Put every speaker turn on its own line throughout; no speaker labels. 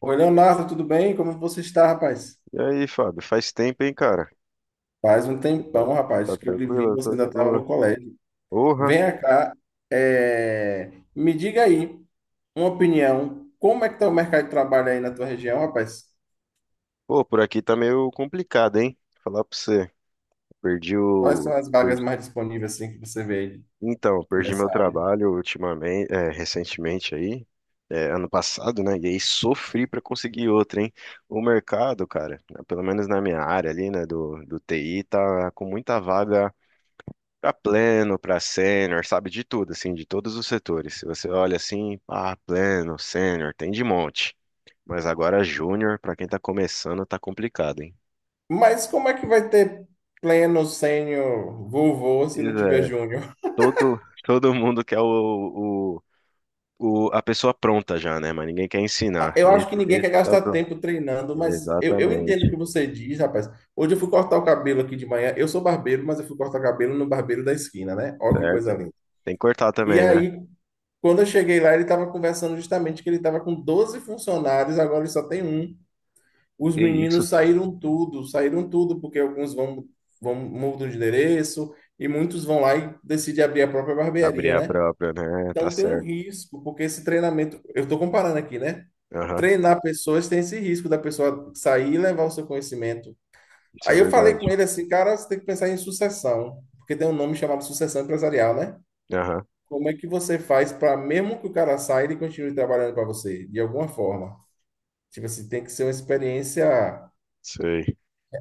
Oi, Leonardo, tudo bem? Como você está, rapaz?
E aí, Fábio, faz tempo, hein, cara?
Faz um
Tá,
tempão,
tá
rapaz, que eu lhe vi,
tranquilo? Eu
você
tô
ainda
de
estava
boa.
no colégio.
Porra!
Venha cá, me diga aí uma opinião. Como é que está o mercado de trabalho aí na tua região, rapaz?
Pô, por aqui tá meio complicado, hein? Falar pra você. Perdi
Quais são
o.
as vagas
perdi-
mais disponíveis assim que você vê aí
Então, perdi meu
nessa área?
trabalho ultimamente, é, recentemente aí, é, ano passado, né? E aí sofri pra conseguir outro, hein? O mercado, cara, né, pelo menos na minha área ali, né, do TI, tá com muita vaga para pleno, para sênior, sabe, de tudo, assim, de todos os setores. Se você olha assim, ah, pleno, sênior, tem de monte. Mas agora júnior, para quem tá começando, tá complicado, hein?
Mas como é que vai ter pleno, sênior, vovô, se não
Pois
tiver
é,
júnior?
todo mundo quer a pessoa pronta já, né? Mas ninguém quer
Ah,
ensinar.
eu acho que
Esse,
ninguém quer
esse que tá o
gastar
pro...
tempo treinando, mas eu entendo o
Exatamente,
que você diz, rapaz. Hoje eu fui cortar o cabelo aqui de manhã. Eu sou barbeiro, mas eu fui cortar o cabelo no barbeiro da esquina, né? Ó que
certo?
coisa linda.
Tem que cortar
E
também, né?
aí, quando eu cheguei lá, ele estava conversando justamente que ele estava com 12 funcionários, agora ele só tem um. Os
Que isso?
meninos saíram tudo, porque alguns vão, mudam de endereço e muitos vão lá e decidem abrir a própria
Abrir
barbearia,
a
né?
própria, né? Tá
Então tem um
certo.
risco, porque esse treinamento, eu estou comparando aqui, né?
Aham,
Treinar pessoas tem esse risco da pessoa sair e levar o seu conhecimento.
isso é
Aí eu falei com
verdade.
ele assim, cara, você tem que pensar em sucessão, porque tem um nome chamado sucessão empresarial, né?
Aham,
Como é que você faz para, mesmo que o cara saia, ele continue trabalhando para você, de alguma forma? Tipo assim, tem que ser uma experiência
sei.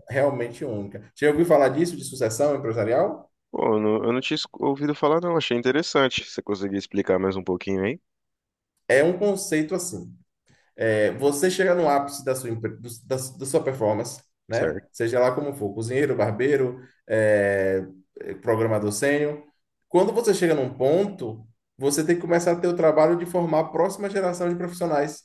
realmente única. Já ouviu falar disso, de sucessão empresarial?
Pô, eu não tinha ouvido falar, não. Achei interessante. Você conseguia explicar mais um pouquinho aí?
É um conceito assim. É, você chega no ápice da sua, empre- do- da, da sua performance,
Certo.
né? Seja lá como for, cozinheiro, barbeiro, é, programador sênior. Quando você chega num ponto, você tem que começar a ter o trabalho de formar a próxima geração de profissionais.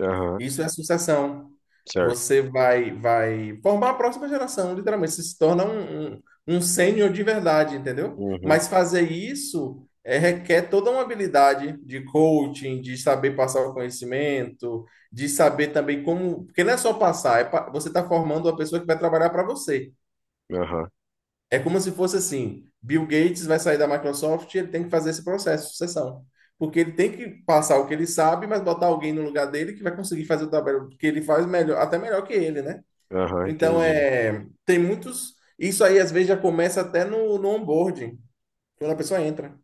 Aham,
Isso é sucessão.
certo.
Você vai formar a próxima geração, literalmente. Você se torna um sênior de verdade, entendeu?
Uhum,
Mas fazer isso é, requer toda uma habilidade de coaching, de saber passar o conhecimento, de saber também como. Porque não é só passar, você está formando uma pessoa que vai trabalhar para você.
aham,
É como se fosse assim: Bill Gates vai sair da Microsoft e ele tem que fazer esse processo de sucessão. Porque ele tem que passar o que ele sabe, mas botar alguém no lugar dele que vai conseguir fazer o trabalho que ele faz melhor, até melhor que ele, né?
aham,
Então,
entendi.
é, tem muitos. Isso aí, às vezes, já começa até no onboarding, quando a pessoa entra.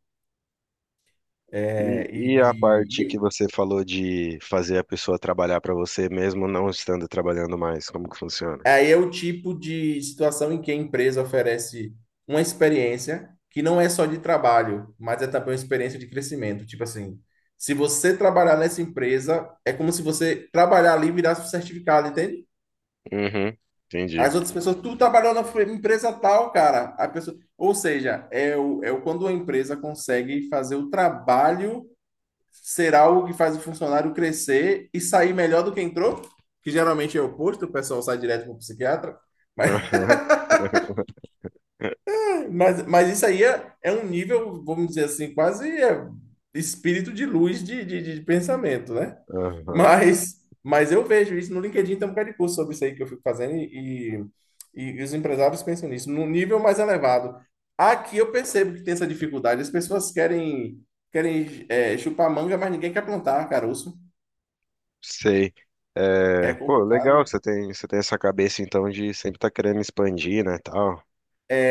É,
E a
e,
parte que
e-
você falou de fazer a pessoa trabalhar pra você mesmo não estando trabalhando mais, como que funciona?
Aí é o tipo de situação em que a empresa oferece uma experiência que não é só de trabalho, mas é também uma experiência de crescimento. Tipo assim, se você trabalhar nessa empresa, é como se você trabalhar ali e virasse um certificado, entende?
Uhum, entendi.
As outras pessoas, tu trabalhou na empresa tal, cara. A pessoa, ou seja, quando a empresa consegue fazer o trabalho ser algo que faz o funcionário crescer e sair melhor do que entrou, que geralmente é o oposto, o pessoal sai direto para o psiquiatra. Mas,
Aham,
mas isso aí é, é um nível, vamos dizer assim, quase é, espírito de luz de pensamento, né?
aham,
Mas, mas eu vejo isso no LinkedIn, tem um bocado de curso sobre isso aí que eu fico fazendo e os empresários pensam nisso, num nível mais elevado. Aqui eu percebo que tem essa dificuldade, as pessoas querem é, chupar manga, mas ninguém quer plantar caroço.
sei.
É
É, pô, legal,
complicado.
você tem essa cabeça então de sempre estar querendo expandir, né, tal.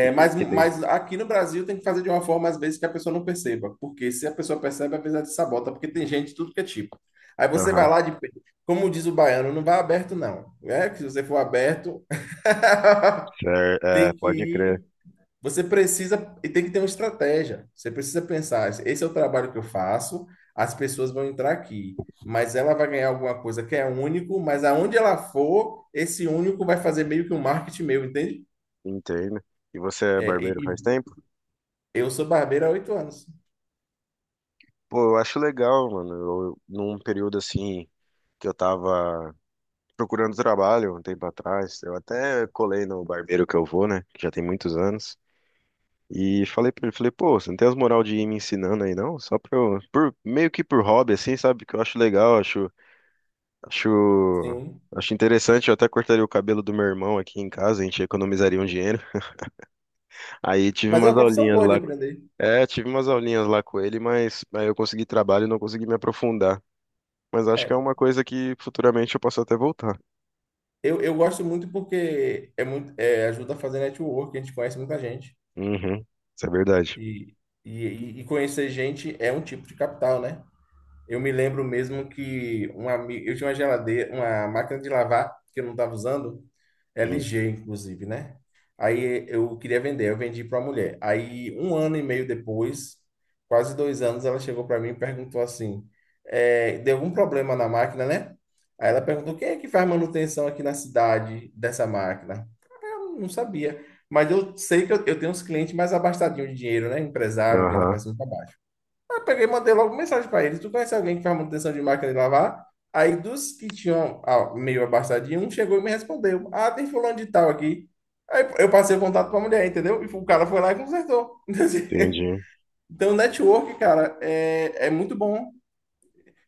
mas,
Porque tem-
mas aqui no Brasil tem que fazer de uma forma, às vezes, que a pessoa não perceba. Porque se a pessoa percebe, às vezes ela te sabota, porque tem gente de tudo que é tipo. Aí você vai
aham,
lá de. Como diz o baiano, não vai aberto, não. É que se você for aberto,
cer- é,
tem que
pode crer.
ir. Você precisa. E tem que ter uma estratégia. Você precisa pensar: esse é o trabalho que eu faço, as pessoas vão entrar aqui. Mas ela vai ganhar alguma coisa que é único, mas aonde ela for, esse único vai fazer meio que um marketing meu, entende?
Entendo. E você é
É,
barbeiro faz
e,
tempo?
Eu sou barbeiro há 8 anos.
Pô, eu acho legal, mano. Eu, num período assim que eu tava procurando trabalho um tempo atrás, eu até colei no barbeiro que eu vou, né? Que já tem muitos anos. E falei pra ele, falei, pô, você não tem as moral de ir me ensinando aí, não? Só pra eu, por, meio que por hobby, assim, sabe? Que eu acho legal, acho,
Sim.
acho interessante. Eu até cortaria o cabelo do meu irmão aqui em casa, a gente economizaria um dinheiro. Aí tive
Mas é uma
umas
profissão
aulinhas
boa de
lá.
aprender.
É, tive umas aulinhas lá com ele, mas aí eu consegui trabalho e não consegui me aprofundar. Mas acho que é
É.
uma coisa que futuramente eu posso até voltar.
Eu gosto muito porque é muito, ajuda a fazer network, a gente conhece muita gente.
Uhum, isso é verdade.
E, e conhecer gente é um tipo de capital, né? Eu me lembro mesmo que um amigo, eu tinha uma geladeira, uma máquina de lavar que eu não estava usando,
Hum,
LG inclusive, né? Aí eu queria vender, eu vendi para uma mulher. Aí 1 ano e meio depois, quase 2 anos, ela chegou para mim e perguntou assim, deu algum problema na máquina, né? Aí ela perguntou quem é que faz manutenção aqui na cidade dessa máquina. Eu não sabia, mas eu sei que eu tenho uns clientes mais abastadinhos de dinheiro, né? Empresário que anda
Aham,
para cima e para baixo. Eu peguei e mandei logo mensagem para ele. Tu conhece alguém que faz manutenção de máquina de lavar? Aí dos que tinham meio abastadinho, um chegou e me respondeu. Ah, tem fulano de tal aqui. Aí eu passei o contato para a mulher, entendeu? E o cara foi lá e consertou.
entendi.
Então, network, cara, é muito bom.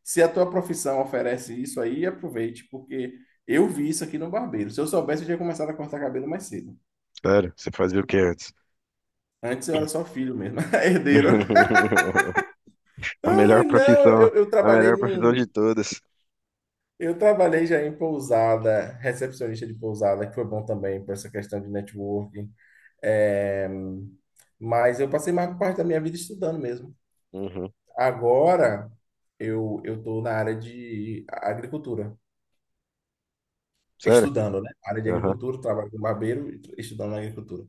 Se a tua profissão oferece isso aí, aproveite, porque eu vi isso aqui no barbeiro. Se eu soubesse, eu tinha começado a cortar cabelo mais cedo.
Sério, você fazia o que antes?
Antes eu era só filho mesmo, herdeiro.
A
Ai,
melhor
não.
profissão, a melhor profissão de todas.
Eu trabalhei já em pousada, recepcionista de pousada, que foi bom também por essa questão de networking. É, mas eu passei mais parte da minha vida estudando mesmo.
Uhum,
Agora eu estou na área de agricultura,
sério?
estudando, né? Área de
Aham.
agricultura, trabalho com barbeiro, e estudando na agricultura.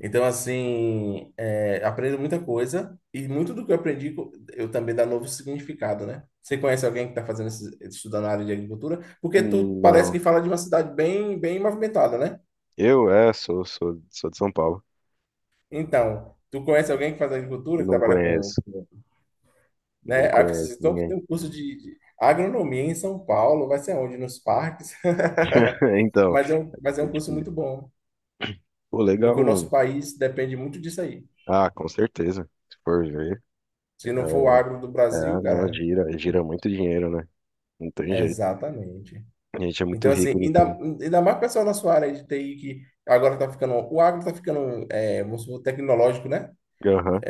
Então, assim, é, aprendo muita coisa e muito do que eu aprendi eu também dá novo significado, né? Você conhece alguém que está fazendo esse, estudando na área de agricultura? Porque tu parece
Não.
que fala de uma cidade bem, bem movimentada, né?
Eu sou de São Paulo.
Então, tu conhece alguém que faz agricultura, que
Não
trabalha com,
conheço, não
né? Aí você
conheço
citou que
ninguém.
tem um curso de agronomia em São Paulo, vai ser onde? Nos parques?
Então,
Mas é um, mas é
é
um curso
difícil.
muito bom,
Pô,
porque
legal,
o nosso
mano.
país depende muito disso aí.
Ah, com certeza. Se for ver.
Se não for o agro do
É,
Brasil,
É, não,
cara,
gira, gira muito dinheiro, né? Não tem
é
jeito.
exatamente.
A gente é muito
Então, assim,
rico, não tem?
ainda mais o pessoal da sua área de TI que agora tá ficando. O agro tá ficando, é, vamos supor, tecnológico, né?
Aham,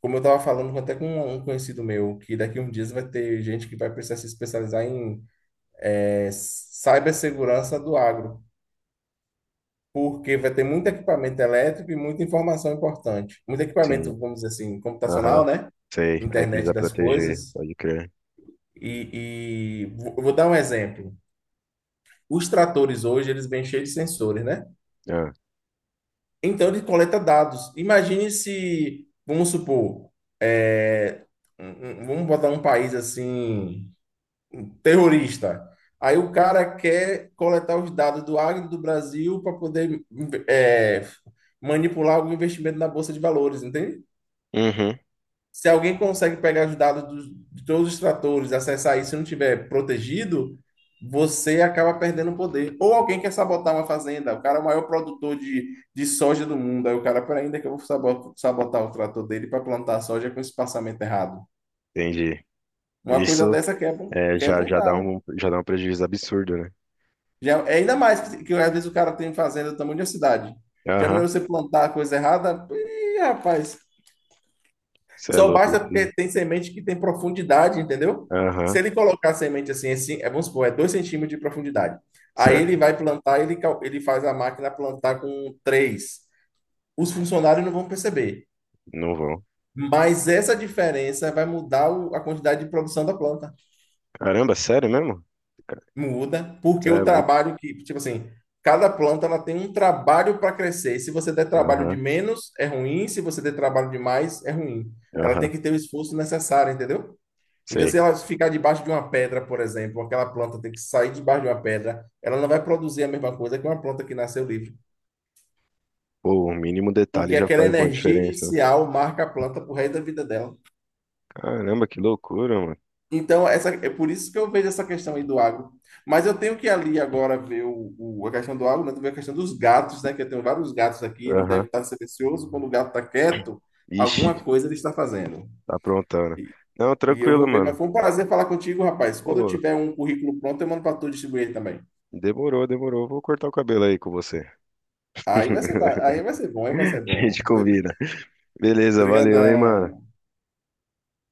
Como eu tava falando até com um conhecido meu, que daqui a uns dias vai ter gente que vai precisar se especializar em cibersegurança do agro. Porque vai ter muito equipamento elétrico e muita informação importante. Muito
sim.
equipamento, vamos dizer assim, computacional,
Aham,
né?
sei. Aí
Internet
precisa
das
proteger,
coisas.
pode crer.
E, vou dar um exemplo. Os tratores hoje, eles vêm cheios de sensores, né?
Ah,
Então ele coleta dados. Imagine se, vamos supor, é, vamos botar um país assim, um terrorista. Aí o cara quer coletar os dados do Agro do Brasil para poder é, manipular algum investimento na Bolsa de Valores, entende?
uhum,
Se alguém consegue pegar os dados de todos os tratores, acessar isso e não tiver protegido, você acaba perdendo o poder. Ou alguém quer sabotar uma fazenda, o cara é o maior produtor de soja do mundo, aí o cara, peraí, ainda que eu vou sabotar o trator dele para plantar soja com espaçamento errado.
entendi.
Uma coisa
Isso
dessa quebra,
é,
quebra
já,
um cara.
já dá um prejuízo absurdo, né?
Já, é ainda mais que às vezes o cara tem fazenda do tamanho de uma cidade. Já é
Aham,
melhor você plantar a coisa errada? Ih, rapaz,
cê é
só
louco,
basta
esse.
porque tem semente que tem profundidade, entendeu? Se
Aham,
ele colocar a semente assim, assim, vamos supor, é 2 centímetros de profundidade. Aí
certo,
ele vai plantar, ele, ele faz a máquina plantar com 3. Os funcionários não vão perceber.
não vão.
Mas essa diferença vai mudar a quantidade de produção da planta.
Caramba, sério mesmo?
Muda,
Cê
porque o
é louco.
trabalho que, tipo assim, cada planta ela tem um trabalho para crescer. Se você der trabalho de
Aham,
menos, é ruim. Se você der trabalho de mais, é ruim. Ela tem
aham,
que ter o esforço necessário, entendeu? Então,
sei.
se ela ficar debaixo de uma pedra, por exemplo, aquela planta tem que sair debaixo de uma pedra, ela não vai produzir a mesma coisa que uma planta que nasceu livre,
Pô, o mínimo detalhe
porque
já
aquela
faz uma
energia
diferença.
inicial marca a planta pro resto da vida dela.
Caramba, que loucura, mano.
Então, essa, é por isso que eu vejo essa questão aí do agro. Mas eu tenho que ali agora ver a questão do agro, né? Também a questão dos gatos, né? Que eu tenho vários gatos aqui, ele deve
Aham.
estar silencioso. Quando o gato está quieto,
Ixi,
alguma coisa ele está fazendo.
tá aprontando. Não,
E eu
tranquilo,
vou ver, mas
mano.
foi um prazer falar contigo, rapaz. Quando eu
Pô,
tiver um currículo pronto, eu mando para tu distribuir ele também.
demorou, demorou. Vou cortar o cabelo aí com você.
Aí vai ser, aí vai ser bom, aí vai ser
A
bom.
gente combina. Beleza, valeu, hein, mano.
Brigadão.